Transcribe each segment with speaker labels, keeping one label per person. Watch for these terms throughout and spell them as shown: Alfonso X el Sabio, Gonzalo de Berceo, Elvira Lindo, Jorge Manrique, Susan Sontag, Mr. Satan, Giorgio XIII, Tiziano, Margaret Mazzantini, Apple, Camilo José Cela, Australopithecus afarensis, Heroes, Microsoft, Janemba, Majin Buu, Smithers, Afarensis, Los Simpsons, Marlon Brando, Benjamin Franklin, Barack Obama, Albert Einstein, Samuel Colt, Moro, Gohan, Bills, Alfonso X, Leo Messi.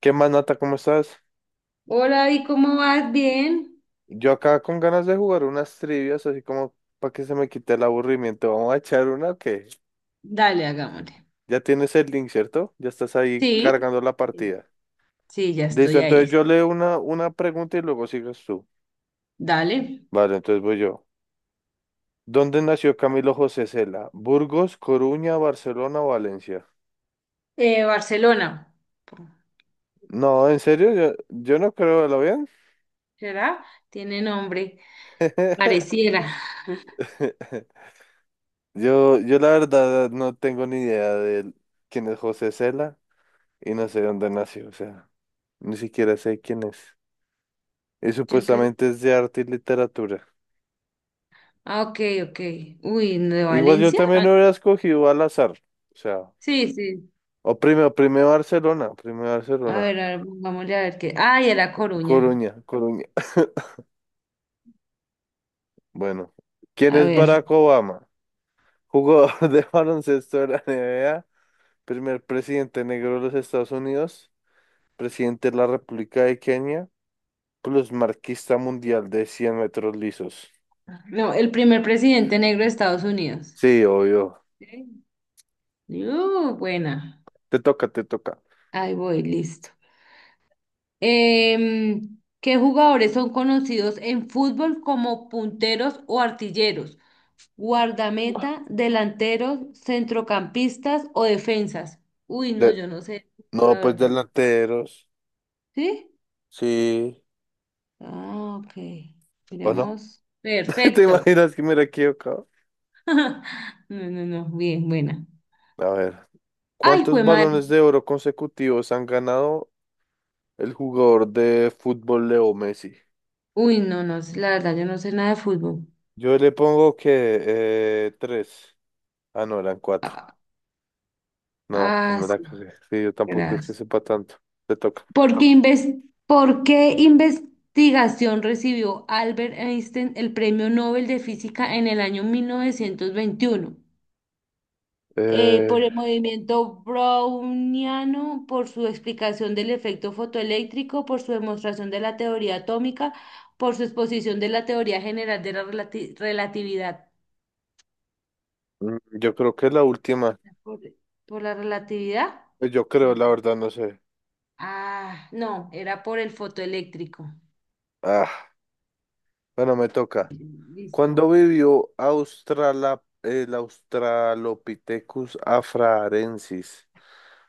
Speaker 1: ¿Qué más, Nata? ¿Cómo estás?
Speaker 2: Hola, ¿y cómo vas? ¿Bien?
Speaker 1: Yo acá con ganas de jugar unas trivias, así como para que se me quite el aburrimiento. Vamos a echar una que
Speaker 2: Dale, hagámosle.
Speaker 1: ya tienes el link, ¿cierto? Ya estás ahí
Speaker 2: Sí,
Speaker 1: cargando la partida.
Speaker 2: sí, ya
Speaker 1: Listo,
Speaker 2: estoy
Speaker 1: entonces
Speaker 2: ahí.
Speaker 1: yo leo una pregunta y luego sigues tú.
Speaker 2: Dale.
Speaker 1: Vale, entonces voy yo. ¿Dónde nació Camilo José Cela? ¿Burgos, Coruña, Barcelona o Valencia?
Speaker 2: Barcelona,
Speaker 1: No, en serio, yo no creo, ¿lo vean?
Speaker 2: ¿será? Tiene nombre, pareciera.
Speaker 1: Yo la verdad no tengo ni idea de quién es José Cela y no sé dónde nació, o sea. Ni siquiera sé quién es. Y
Speaker 2: Yo creo.
Speaker 1: supuestamente es de arte y literatura.
Speaker 2: Ah, ok, ok. Uy, ¿de
Speaker 1: Igual yo
Speaker 2: Valencia?
Speaker 1: también
Speaker 2: Ah,
Speaker 1: hubiera escogido al azar. O sea,
Speaker 2: sí, sí.
Speaker 1: o primero Barcelona, primero Barcelona.
Speaker 2: A ver, pongámosle a ver qué. Ah, y a La Coruña.
Speaker 1: Coruña, Coruña. Bueno, ¿quién
Speaker 2: A
Speaker 1: es
Speaker 2: ver.
Speaker 1: Barack Obama? Jugador de baloncesto de la NBA, primer presidente negro de los Estados Unidos, presidente de la República de Kenia, plus marquista mundial de 100 metros lisos.
Speaker 2: No, el primer presidente negro de Estados Unidos.
Speaker 1: Sí, obvio.
Speaker 2: Sí. Buena.
Speaker 1: Te toca, te toca.
Speaker 2: Ahí voy, listo. ¿Qué jugadores son conocidos en fútbol como punteros o artilleros? Guardameta, delanteros, centrocampistas o defensas. Uy, no,
Speaker 1: De-
Speaker 2: yo no sé de fútbol,
Speaker 1: no,
Speaker 2: la
Speaker 1: pues
Speaker 2: verdad.
Speaker 1: delanteros.
Speaker 2: ¿Sí?
Speaker 1: Sí.
Speaker 2: Ah, ok.
Speaker 1: ¿O no?
Speaker 2: Miremos.
Speaker 1: ¿Te
Speaker 2: Perfecto.
Speaker 1: imaginas que me la he equivocado?
Speaker 2: No, no, no. Bien, buena.
Speaker 1: A ver,
Speaker 2: Ay,
Speaker 1: ¿cuántos
Speaker 2: fue madre.
Speaker 1: balones de oro consecutivos han ganado el jugador de fútbol Leo Messi?
Speaker 2: Uy, no, no, la verdad, yo no sé nada de fútbol.
Speaker 1: Yo le pongo que tres. Ah, no, eran cuatro.
Speaker 2: Ah,
Speaker 1: No, pues
Speaker 2: ah,
Speaker 1: me la
Speaker 2: sí.
Speaker 1: cagué. Sí, yo tampoco es que
Speaker 2: Gracias.
Speaker 1: sepa tanto. Te toca.
Speaker 2: ¿ Por qué investigación recibió Albert Einstein el Premio Nobel de Física en el año 1921? Por
Speaker 1: Eh,
Speaker 2: el movimiento browniano, por su explicación del efecto fotoeléctrico, por su demostración de la teoría atómica, por su exposición de la teoría general de la relatividad.
Speaker 1: yo creo que es la última.
Speaker 2: ¿Por, por la relatividad?
Speaker 1: Pues yo creo,
Speaker 2: No.
Speaker 1: la verdad, no sé.
Speaker 2: Ah, no, era por el fotoeléctrico.
Speaker 1: Ah, bueno, me toca.
Speaker 2: Listo.
Speaker 1: ¿Cuándo vivió Australa, el Australopithecus afrarensis?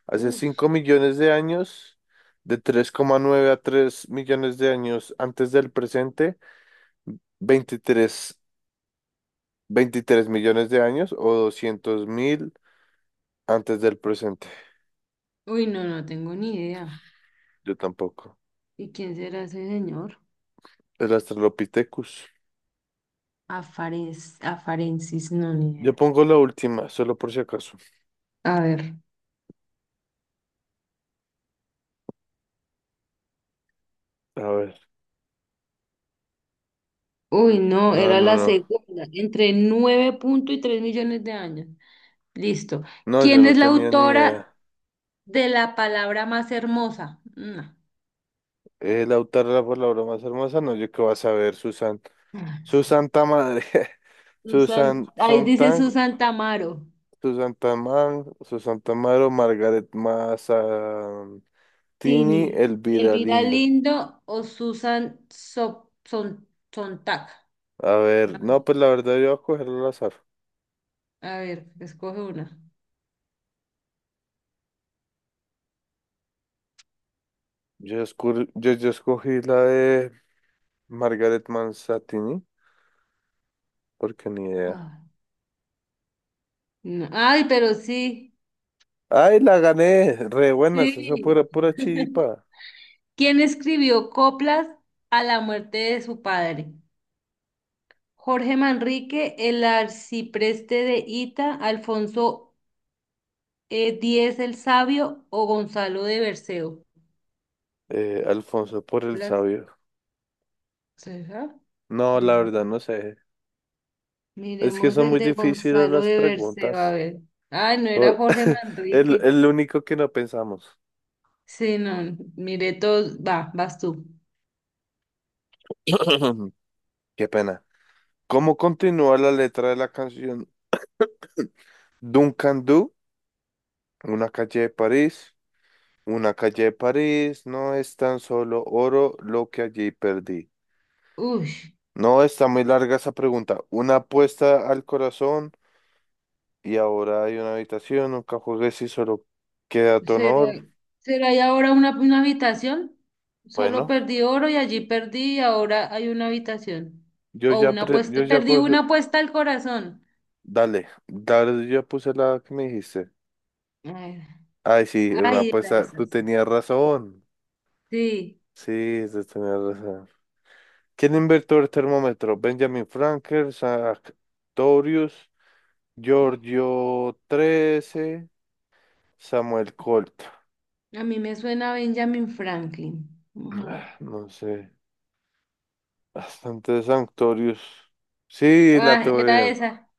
Speaker 1: Hace
Speaker 2: Uf.
Speaker 1: 5 millones de años, de 3,9 a 3 millones de años antes del presente, 23 23 millones de años o 200.000 antes del presente.
Speaker 2: Uy, no, no tengo ni idea.
Speaker 1: Yo tampoco.
Speaker 2: ¿Y quién será ese señor?
Speaker 1: El Australopithecus.
Speaker 2: Afares, Afarensis, no, ni
Speaker 1: Yo
Speaker 2: idea.
Speaker 1: pongo la última, solo por si acaso.
Speaker 2: A ver.
Speaker 1: A ver.
Speaker 2: Uy, no,
Speaker 1: No,
Speaker 2: era
Speaker 1: no,
Speaker 2: la
Speaker 1: no.
Speaker 2: segunda, entre nueve punto y 3 millones de años. Listo.
Speaker 1: No, yo
Speaker 2: ¿Quién
Speaker 1: no
Speaker 2: es la
Speaker 1: tenía ni idea.
Speaker 2: autora de la palabra más hermosa? No.
Speaker 1: El autor de la palabra más hermosa, no, yo qué vas a ver, Susan.
Speaker 2: Ah,
Speaker 1: Su santa madre.
Speaker 2: Susan,
Speaker 1: Susan
Speaker 2: ahí dice
Speaker 1: Sontag
Speaker 2: Susan Tamaro,
Speaker 1: Susantamar, Susantamaro, Margaret Mazzantini,
Speaker 2: Tini,
Speaker 1: Elvira
Speaker 2: Elvira
Speaker 1: Lindo.
Speaker 2: Lindo o Susan So- Son- Sontag.
Speaker 1: A
Speaker 2: No,
Speaker 1: ver, no, pues la verdad yo voy a cogerlo al azar.
Speaker 2: a ver, escoge una.
Speaker 1: Yo escogí la de Margaret Mazzantini, porque ni idea.
Speaker 2: Ah. No, ay, pero sí,
Speaker 1: ¡Ay, la gané! Re buenas, eso fue
Speaker 2: sí.
Speaker 1: pura, pura chiripa.
Speaker 2: ¿Quién escribió coplas a la muerte de su padre? Jorge Manrique, el arcipreste de Ita, Alfonso X el Sabio o Gonzalo de Berceo.
Speaker 1: Alfonso por el
Speaker 2: Coplas,
Speaker 1: sabio.
Speaker 2: ¿será?
Speaker 1: No, la
Speaker 2: Mira,
Speaker 1: verdad no sé. Es que
Speaker 2: miremos
Speaker 1: son
Speaker 2: el
Speaker 1: muy
Speaker 2: de
Speaker 1: difíciles
Speaker 2: Gonzalo
Speaker 1: las
Speaker 2: de Berceo, a
Speaker 1: preguntas.
Speaker 2: ver. Ay, no era
Speaker 1: O-
Speaker 2: Jorge
Speaker 1: El,
Speaker 2: Manrique.
Speaker 1: el único que no pensamos.
Speaker 2: Sí, no, mire todos. Va, vas tú.
Speaker 1: Qué pena. ¿Cómo continúa la letra de la canción Duncan Du? Una calle de París. Una calle de París no es tan solo oro lo que allí perdí.
Speaker 2: Uy.
Speaker 1: No, está muy larga esa pregunta. Una apuesta al corazón y ahora hay una habitación. Nunca juegues y solo queda tu
Speaker 2: ¿Será,
Speaker 1: honor.
Speaker 2: será ahí ahora una habitación? Solo
Speaker 1: Bueno,
Speaker 2: perdí oro y allí perdí y ahora hay una habitación.
Speaker 1: yo
Speaker 2: O
Speaker 1: ya,
Speaker 2: una
Speaker 1: pre- yo
Speaker 2: apuesta,
Speaker 1: ya
Speaker 2: perdí una
Speaker 1: coge-
Speaker 2: apuesta al corazón.
Speaker 1: Dale, dale, yo ya puse la que me dijiste.
Speaker 2: Ay,
Speaker 1: Ay, sí, era una
Speaker 2: ay, era
Speaker 1: apuesta.
Speaker 2: esa,
Speaker 1: Tú
Speaker 2: sí.
Speaker 1: tenías razón.
Speaker 2: Sí,
Speaker 1: Sí, tú tenías razón. ¿Quién inventó el termómetro? Benjamin Franklin, Sartorius, Giorgio XIII, Samuel Colt.
Speaker 2: a mí me suena a Benjamin Franklin. Vamos a ver.
Speaker 1: Ah, no sé, bastante Sartorius. Sí, la
Speaker 2: Ah,
Speaker 1: tuve
Speaker 2: era
Speaker 1: bien.
Speaker 2: esa.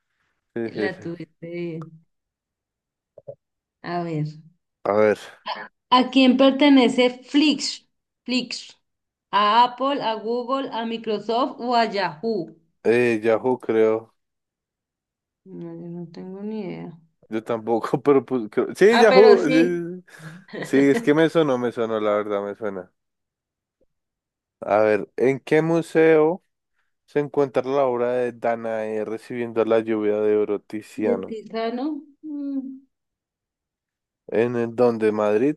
Speaker 1: Sí, sí,
Speaker 2: La
Speaker 1: sí.
Speaker 2: tuviste bien. A ver.
Speaker 1: A ver,
Speaker 2: ¿A quién pertenece Flix? Flix. ¿A Apple, a Google, a Microsoft o a Yahoo?
Speaker 1: Yahoo creo.
Speaker 2: No, yo no tengo ni idea.
Speaker 1: Yo tampoco, pero pues, sí,
Speaker 2: Ah, pero
Speaker 1: Yahoo. Sí,
Speaker 2: sí.
Speaker 1: sí, sí. Sí, es que me sonó, me sonó, la verdad, me suena. A ver, ¿en qué museo se encuentra la obra de Danae recibiendo la lluvia de Oro
Speaker 2: De
Speaker 1: Tiziano?
Speaker 2: Tizano. Mm.
Speaker 1: ¿En el donde Madrid?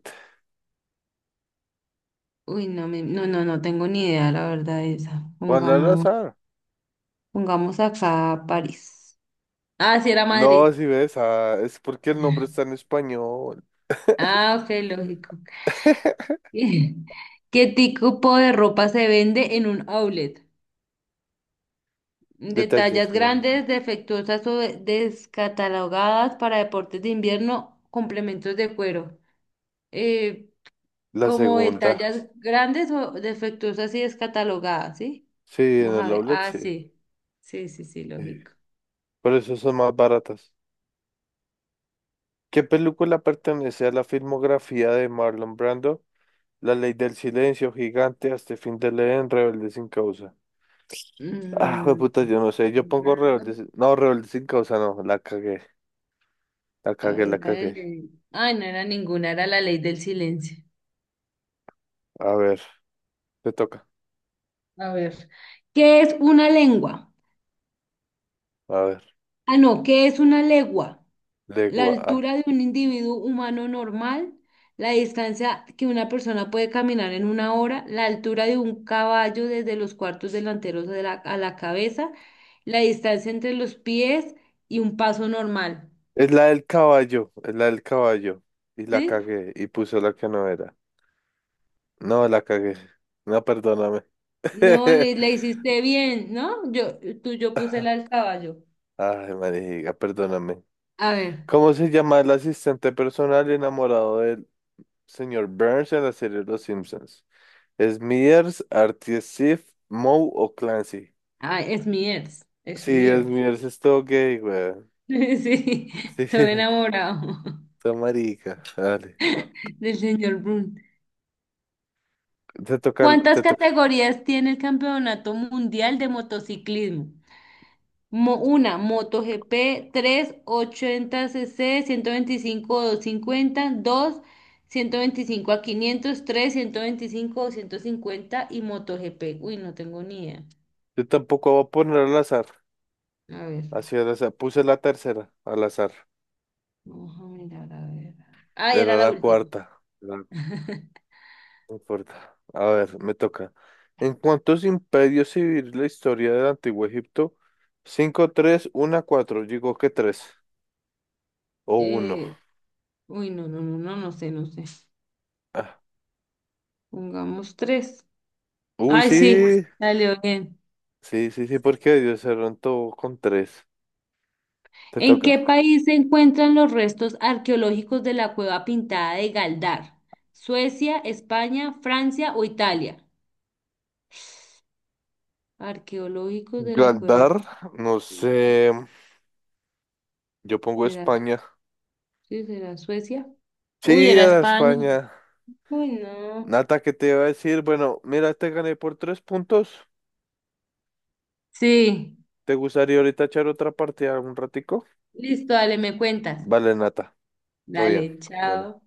Speaker 2: Uy, no, no, no, no tengo ni idea, la verdad, de esa.
Speaker 1: Juan
Speaker 2: Pongamos,
Speaker 1: Lalazar.
Speaker 2: pongamos acá París. Ah, sí, era Madrid.
Speaker 1: No, si ves, ah, es porque el nombre está en español.
Speaker 2: Ah, ok, lógico. ¿Qué qué tipo de ropa se vende en un outlet? De
Speaker 1: Detalles
Speaker 2: tallas grandes,
Speaker 1: grandes.
Speaker 2: defectuosas o descatalogadas para deportes de invierno, complementos de cuero. Eh,
Speaker 1: La
Speaker 2: como de
Speaker 1: segunda.
Speaker 2: tallas grandes o defectuosas y descatalogadas, ¿sí?
Speaker 1: Sí, en
Speaker 2: Vamos a
Speaker 1: el
Speaker 2: ver.
Speaker 1: outlet,
Speaker 2: Ah,
Speaker 1: sí.
Speaker 2: sí. Sí, sí, sí,
Speaker 1: Sí.
Speaker 2: lógico.
Speaker 1: Por eso son más baratas. ¿Qué película pertenece a la filmografía de Marlon Brando? La ley del silencio, gigante, hasta el fin de leer, Rebelde sin causa. Ah,
Speaker 2: Mm,
Speaker 1: puta, yo no sé. Yo pongo Rebelde sin. No, Rebelde sin causa, no. La cagué. La
Speaker 2: a
Speaker 1: cagué, la
Speaker 2: ver, la de
Speaker 1: cagué.
Speaker 2: ley. Ay, no era ninguna, era la ley del silencio.
Speaker 1: A ver, te toca.
Speaker 2: A ver. ¿Qué es una lengua?
Speaker 1: A ver,
Speaker 2: Ah, no, ¿qué es una legua? La
Speaker 1: legua.
Speaker 2: altura de un individuo humano normal, la distancia que una persona puede caminar en una hora, la altura de un caballo desde los cuartos delanteros de a la cabeza, la distancia entre los pies y un paso normal.
Speaker 1: Es la del caballo, es la del caballo. Y la
Speaker 2: ¿Sí?
Speaker 1: cagué y puso la que no era. No, la cagué. No, perdóname.
Speaker 2: No, le hiciste bien, ¿no? Yo, tú, yo puse la al caballo.
Speaker 1: Ay, marica, perdóname.
Speaker 2: A ver,
Speaker 1: ¿Cómo se llama el asistente personal enamorado del señor Burns en la serie Los Simpsons? ¿Smithers, Artie, Sif, Moe o Clancy?
Speaker 2: ay, es mi ex, es
Speaker 1: Sí,
Speaker 2: mi ex.
Speaker 1: Smithers es todo gay, weón.
Speaker 2: Sí,
Speaker 1: Sí,
Speaker 2: estoy enamorado
Speaker 1: está marica. Dale.
Speaker 2: del señor Brun.
Speaker 1: Te toca,
Speaker 2: ¿Cuántas
Speaker 1: te toca.
Speaker 2: categorías tiene el Campeonato Mundial de Motociclismo? Una, MotoGP, 380 cc 125 o 250, dos 125 a 500, 3, 125 o 150 y MotoGP. Uy, no tengo ni idea.
Speaker 1: Yo tampoco voy a poner al azar.
Speaker 2: A ver.
Speaker 1: Así al azar. Puse la tercera al azar.
Speaker 2: Vamos a mirar, a ver. Ah,
Speaker 1: Era
Speaker 2: era la
Speaker 1: la
Speaker 2: última.
Speaker 1: cuarta. ¿Verdad? No importa. A ver, me toca. ¿En cuántos imperios se divide la historia del Antiguo Egipto? Cinco tres uno cuatro. Digo que 3 o 1.
Speaker 2: Eh, uy, no, no, no, no, no sé, no sé. Pongamos tres.
Speaker 1: Uy,
Speaker 2: Ay, sí,
Speaker 1: sí.
Speaker 2: salió bien.
Speaker 1: Sí, sí, sí, porque ¿Dios se todo con 3? Te
Speaker 2: ¿En
Speaker 1: toca.
Speaker 2: qué país se encuentran los restos arqueológicos de la cueva pintada de Galdar? ¿Suecia, España, Francia o Italia? Arqueológicos de la cueva
Speaker 1: Galdar, no sé.
Speaker 2: pintada.
Speaker 1: Yo pongo
Speaker 2: ¿Será,
Speaker 1: España.
Speaker 2: sí, será Suecia? Uy,
Speaker 1: Sí,
Speaker 2: era
Speaker 1: era
Speaker 2: España.
Speaker 1: España.
Speaker 2: Uy, no.
Speaker 1: Nata, ¿qué te iba a decir? Bueno, mira, te gané por 3 puntos.
Speaker 2: Sí.
Speaker 1: ¿Te gustaría ahorita echar otra partida un ratico?
Speaker 2: Listo, dale, me cuentas.
Speaker 1: Vale, Nata. Todo bien.
Speaker 2: Dale,
Speaker 1: Bueno,
Speaker 2: chao.